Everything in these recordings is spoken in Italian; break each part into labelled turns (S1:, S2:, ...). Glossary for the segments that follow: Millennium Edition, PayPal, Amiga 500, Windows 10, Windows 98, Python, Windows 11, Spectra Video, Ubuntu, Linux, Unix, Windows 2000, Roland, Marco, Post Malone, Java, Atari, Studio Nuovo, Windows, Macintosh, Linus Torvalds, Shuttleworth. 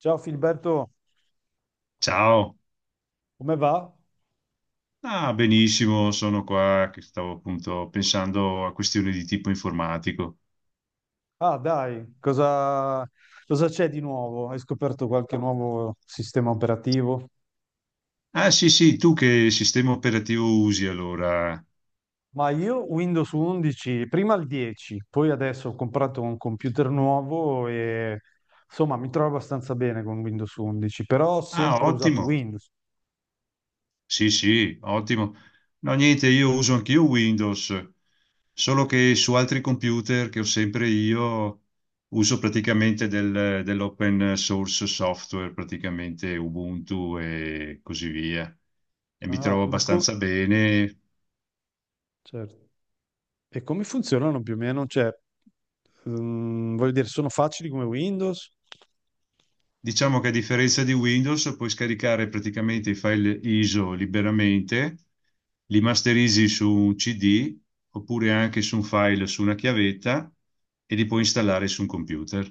S1: Ciao Filberto,
S2: Ciao.
S1: come va?
S2: Ah, benissimo, sono qua che stavo appunto pensando a questioni di tipo informatico.
S1: Ah, dai, cosa c'è di nuovo? Hai scoperto qualche nuovo sistema operativo?
S2: Ah sì sì, tu che sistema operativo usi allora?
S1: Ma io Windows 11, prima il 10, poi adesso ho comprato un computer nuovo e insomma mi trovo abbastanza bene con Windows 11, però ho
S2: Ah,
S1: sempre usato
S2: ottimo,
S1: Windows.
S2: sì sì, ottimo. No niente, io uso anch'io Windows, solo che su altri computer che ho sempre io uso praticamente dell'open source software, praticamente Ubuntu e così via. E mi
S1: Ah,
S2: trovo
S1: ma co-
S2: abbastanza bene.
S1: certo. E come funzionano più o meno? Cioè, voglio dire, sono facili come Windows?
S2: Diciamo che a differenza di Windows puoi scaricare praticamente i file ISO liberamente, li masterizzi su un CD oppure anche su un file su una chiavetta e li puoi installare su un computer.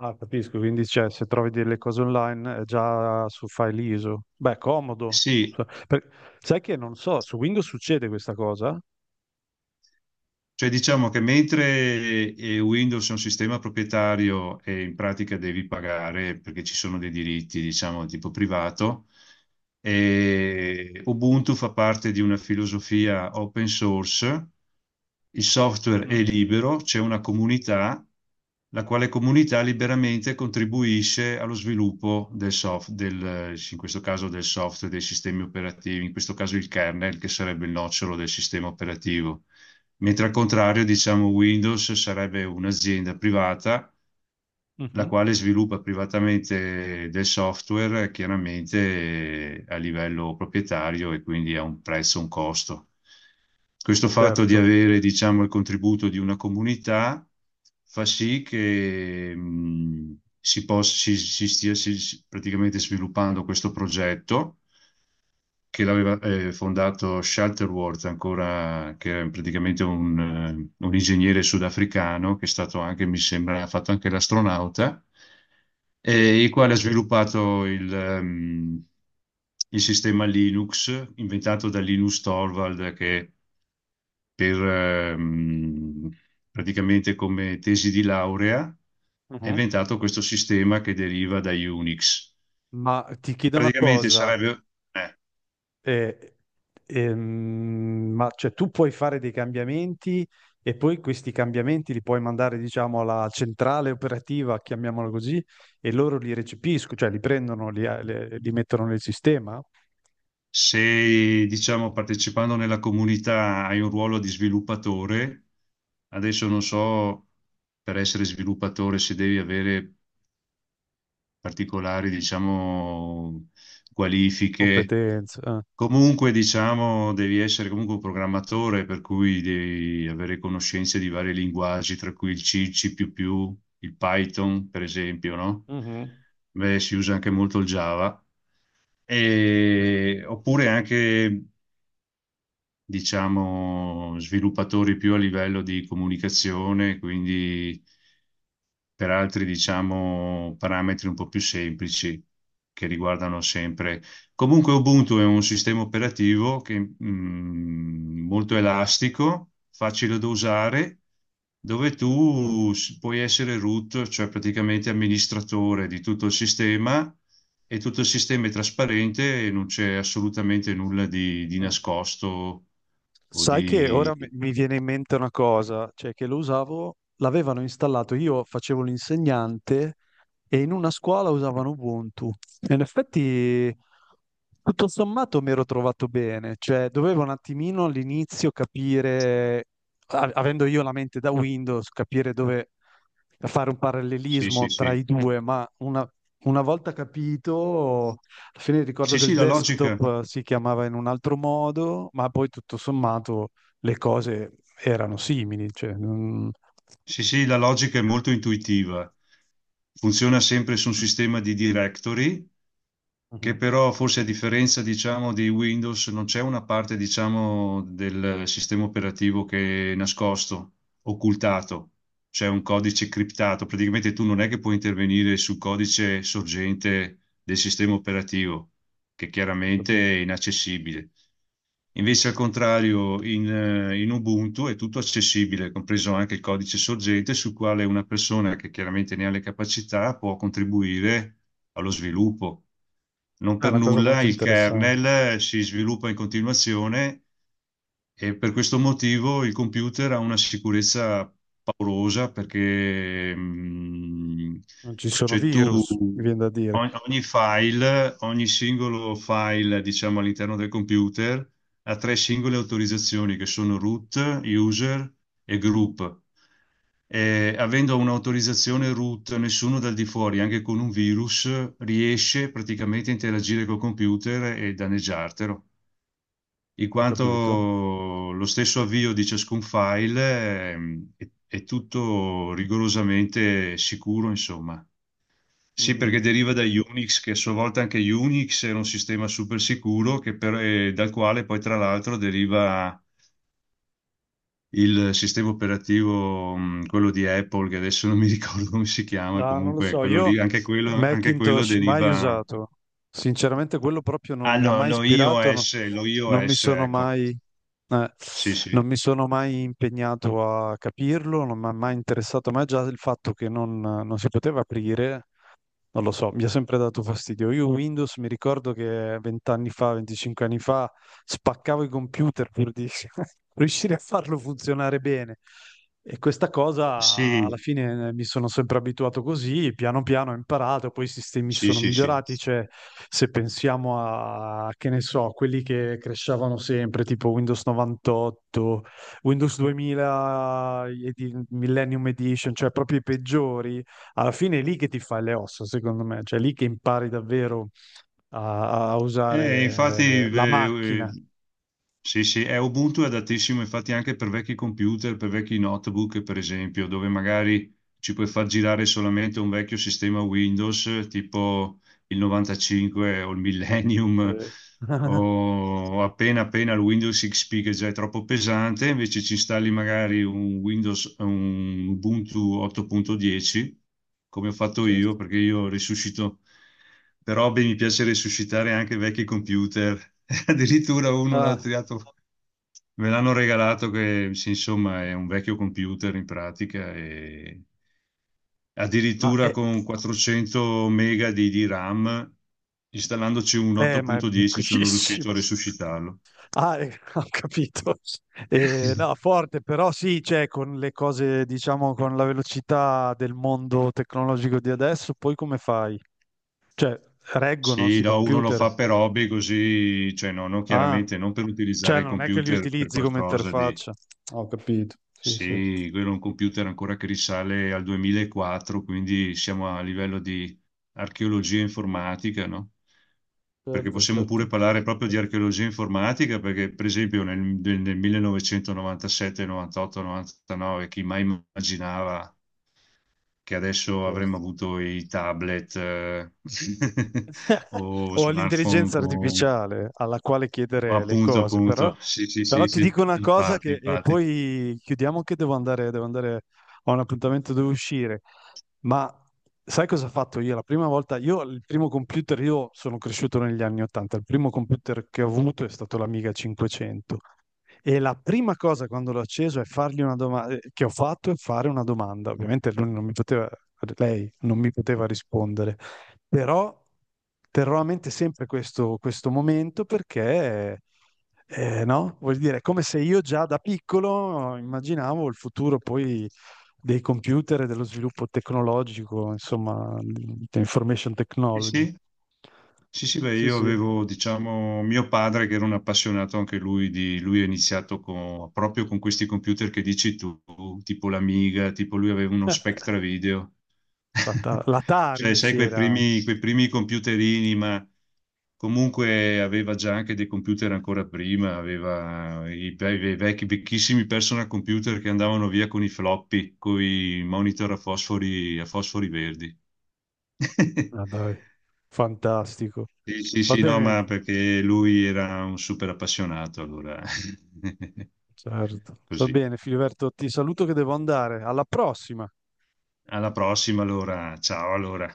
S1: Ah, capisco, quindi cioè, se trovi delle cose online è già su file ISO. Beh, comodo.
S2: Sì.
S1: Sai che non so, su Windows succede questa cosa?
S2: Cioè diciamo che mentre Windows è un sistema proprietario e in pratica devi pagare perché ci sono dei diritti, diciamo, tipo privato, e Ubuntu fa parte di una filosofia open source, il software è
S1: Mhm.
S2: libero, c'è una comunità, la quale comunità liberamente contribuisce allo sviluppo del software, in questo caso del software, dei sistemi operativi, in questo caso il kernel, che sarebbe il nocciolo del sistema operativo. Mentre al contrario, diciamo, Windows sarebbe un'azienda privata la
S1: Mhm.
S2: quale sviluppa privatamente del software, chiaramente, a livello proprietario e quindi a un prezzo, un costo. Questo fatto di
S1: Certo.
S2: avere, diciamo, il contributo di una comunità fa sì che si possa, si stia, praticamente sviluppando questo progetto che l'aveva fondato Shuttleworth, ancora, che è praticamente un ingegnere sudafricano, che è stato anche, mi sembra, ha fatto anche l'astronauta,
S1: Sì.
S2: il quale ha sviluppato il sistema Linux, inventato da Linus Torvald, che per, ehm, praticamente come tesi di laurea ha
S1: Mhm.
S2: inventato questo sistema che deriva da Unix.
S1: Ma ti
S2: E
S1: chiedo una
S2: praticamente
S1: cosa,
S2: sarebbe. eh,
S1: eh, ma cioè, tu puoi fare dei cambiamenti e poi questi cambiamenti li puoi mandare, diciamo, alla centrale operativa, chiamiamola così, e loro li recepiscono, cioè li prendono, li, li mettono nel sistema?
S2: Se, diciamo, partecipando nella comunità hai un ruolo di sviluppatore, adesso non so per essere sviluppatore se devi avere particolari, diciamo, qualifiche.
S1: Competenza, eh.
S2: Comunque, diciamo, devi essere comunque un programmatore, per cui devi avere conoscenze di vari linguaggi, tra cui il C, il C++, più più, il Python, per esempio, no?
S1: Mhm.
S2: Beh, si usa anche molto il Java.
S1: Eh.
S2: Oppure anche, diciamo, sviluppatori più a livello di comunicazione, quindi per altri, diciamo, parametri un po' più semplici che riguardano sempre. Comunque Ubuntu è un sistema operativo che, molto elastico, facile da usare, dove tu puoi essere root, cioè praticamente amministratore di tutto il sistema, e tutto il sistema è trasparente e non c'è assolutamente nulla di
S1: Eh.
S2: nascosto o
S1: Sai che
S2: di.
S1: ora mi viene in mente una cosa, cioè che lo usavo, l'avevano installato, io facevo l'insegnante e in una scuola usavano Ubuntu. E in effetti, tutto sommato, mi ero trovato bene, cioè dovevo un attimino all'inizio capire, avendo io la mente da Windows, capire dove fare un
S2: Sì, sì,
S1: parallelismo tra
S2: sì.
S1: i due, ma una volta capito. Alla fine ricordo
S2: Sì,
S1: che il
S2: sì, la logica.
S1: desktop, si chiamava in un altro modo, ma poi tutto sommato le cose erano simili, cioè.
S2: Sì, sì, la logica è molto intuitiva. Funziona sempre su un sistema di directory, che
S1: Mhm.
S2: però forse a differenza, diciamo, di Windows non c'è una parte, diciamo, del sistema operativo che è nascosto, occultato. C'è un codice criptato. Praticamente tu non è che puoi intervenire sul codice sorgente del sistema operativo, che
S1: Ho
S2: chiaramente
S1: capito.
S2: è inaccessibile. Invece, al contrario, in Ubuntu è tutto accessibile, compreso anche il codice sorgente, sul quale una persona che chiaramente ne ha le capacità può contribuire allo sviluppo. Non
S1: È
S2: per
S1: una cosa
S2: nulla
S1: molto
S2: il
S1: interessante.
S2: kernel si sviluppa in continuazione e per questo motivo il computer ha una sicurezza paurosa perché
S1: Non ci sono
S2: cioè
S1: virus, mi
S2: tu
S1: viene da dire.
S2: ogni file, ogni singolo file, diciamo, all'interno del computer ha tre singole autorizzazioni che sono root, user e group. E avendo un'autorizzazione root, nessuno dal di fuori, anche con un virus, riesce praticamente a interagire col computer e danneggiartelo, in
S1: Ho
S2: quanto
S1: capito.
S2: lo stesso avvio di ciascun file è tutto rigorosamente sicuro, insomma. Sì,
S1: Mhm.
S2: perché deriva da Unix, che a sua volta anche Unix era un sistema super sicuro, dal quale poi tra l'altro deriva il sistema operativo, quello di Apple, che adesso non mi ricordo come si chiama,
S1: No, non lo
S2: comunque
S1: so,
S2: quello
S1: io
S2: lì, anche quello
S1: Macintosh mai
S2: deriva.
S1: usato. Sinceramente quello proprio non
S2: Ah,
S1: mi ha
S2: no,
S1: mai ispirato,
S2: lo
S1: non mi
S2: iOS,
S1: sono
S2: ecco.
S1: mai, eh,
S2: Sì, sì.
S1: non mi sono mai impegnato a capirlo, non mi ha mai interessato, ma già il fatto che non si poteva aprire non lo so, mi ha sempre dato fastidio. Io Windows mi ricordo che vent'anni fa, 25 anni fa, spaccavo i computer pur di riuscire a farlo funzionare bene. E questa cosa alla
S2: Sì,
S1: fine, mi sono sempre abituato così, piano piano ho imparato, poi i sistemi
S2: sì,
S1: sono
S2: sì, sì.
S1: migliorati, cioè se pensiamo a, che ne so, quelli che crescevano sempre, tipo Windows 98, Windows 2000, Millennium Edition, cioè proprio i peggiori, alla fine è lì che ti fai le ossa, secondo me, cioè è lì che impari davvero a, a
S2: Infatti,
S1: usare, la macchina.
S2: sì, sì, è Ubuntu è adattissimo infatti anche per vecchi computer, per vecchi notebook, per esempio, dove magari ci puoi far girare solamente un vecchio sistema Windows, tipo il 95 o il Millennium
S1: Eh.
S2: o appena appena il Windows XP, che già è troppo pesante; invece ci installi magari un Windows, un Ubuntu 8.10, come ho fatto io,
S1: Certo.
S2: perché io risuscito, per hobby mi piace risuscitare anche vecchi computer. Addirittura uno l'ha
S1: Ah,
S2: tirato. Me l'hanno regalato che, sì, insomma, è un vecchio computer in pratica, e
S1: ma
S2: addirittura
S1: è,
S2: con 400 mega di RAM, installandoci un
S1: ma è
S2: 8.10, sono riuscito a
S1: pochissimo.
S2: resuscitarlo.
S1: Ah, ho capito. No, forte, però sì, cioè, con le cose, diciamo, con la velocità del mondo tecnologico di adesso, poi come fai? Cioè, reggono
S2: Sì,
S1: sti
S2: no, uno lo
S1: computer.
S2: fa per hobby così, cioè no, no,
S1: Ah,
S2: chiaramente non per
S1: cioè,
S2: utilizzare il
S1: non è che li
S2: computer per
S1: utilizzi come
S2: qualcosa di.
S1: interfaccia. Ho capito. Sì, sì.
S2: Sì, quello è un computer ancora che risale al 2004, quindi siamo a livello di archeologia informatica, no? Perché
S1: Certo,
S2: possiamo pure
S1: certo.
S2: parlare proprio di archeologia informatica, perché per esempio nel 1997, 98, 99, chi mai immaginava che adesso avremmo
S1: Certo.
S2: avuto i tablet o
S1: O
S2: smartphone
S1: all'intelligenza
S2: con.
S1: artificiale alla quale chiedere le
S2: Appunto,
S1: cose, però,
S2: appunto, sì, sì,
S1: però
S2: sì,
S1: ti
S2: sì,
S1: dico una cosa
S2: infatti,
S1: che, e
S2: infatti.
S1: poi chiudiamo che devo andare a un appuntamento, devo uscire. Ma sai cosa ho fatto io? La prima volta, io il primo computer, io sono cresciuto negli anni 80, il primo computer che ho avuto è stato l'Amiga 500. E la prima cosa quando l'ho acceso è fargli una domanda, che ho fatto è fare una domanda. Ovviamente lui non mi poteva, lei non mi poteva rispondere, però terrò a mente sempre questo momento perché, no? Vuol dire, è come se io già da piccolo immaginavo il futuro poi dei computer e dello sviluppo tecnologico, insomma, di information
S2: Sì,
S1: technology.
S2: sì, sì, sì, beh,
S1: Sì,
S2: io
S1: sì.
S2: avevo, diciamo, mio padre che era un appassionato anche lui lui ha iniziato proprio con questi computer che dici tu, tipo l'Amiga, tipo lui aveva uno Spectra Video.
S1: L'Atari
S2: Cioè, sai, quei
S1: c'era anche.
S2: primi, quei primi computerini, ma comunque aveva già anche dei computer ancora prima, aveva i vecchi, vecchissimi personal computer che andavano via con i floppy, con i monitor a fosfori, verdi.
S1: Ah, dai, fantastico.
S2: Sì, sì,
S1: Va
S2: sì, no,
S1: bene,
S2: ma perché lui era un super appassionato, allora
S1: certo. Va
S2: così.
S1: bene, Filiberto, ti saluto che devo andare. Alla prossima.
S2: Alla prossima, allora. Ciao, allora.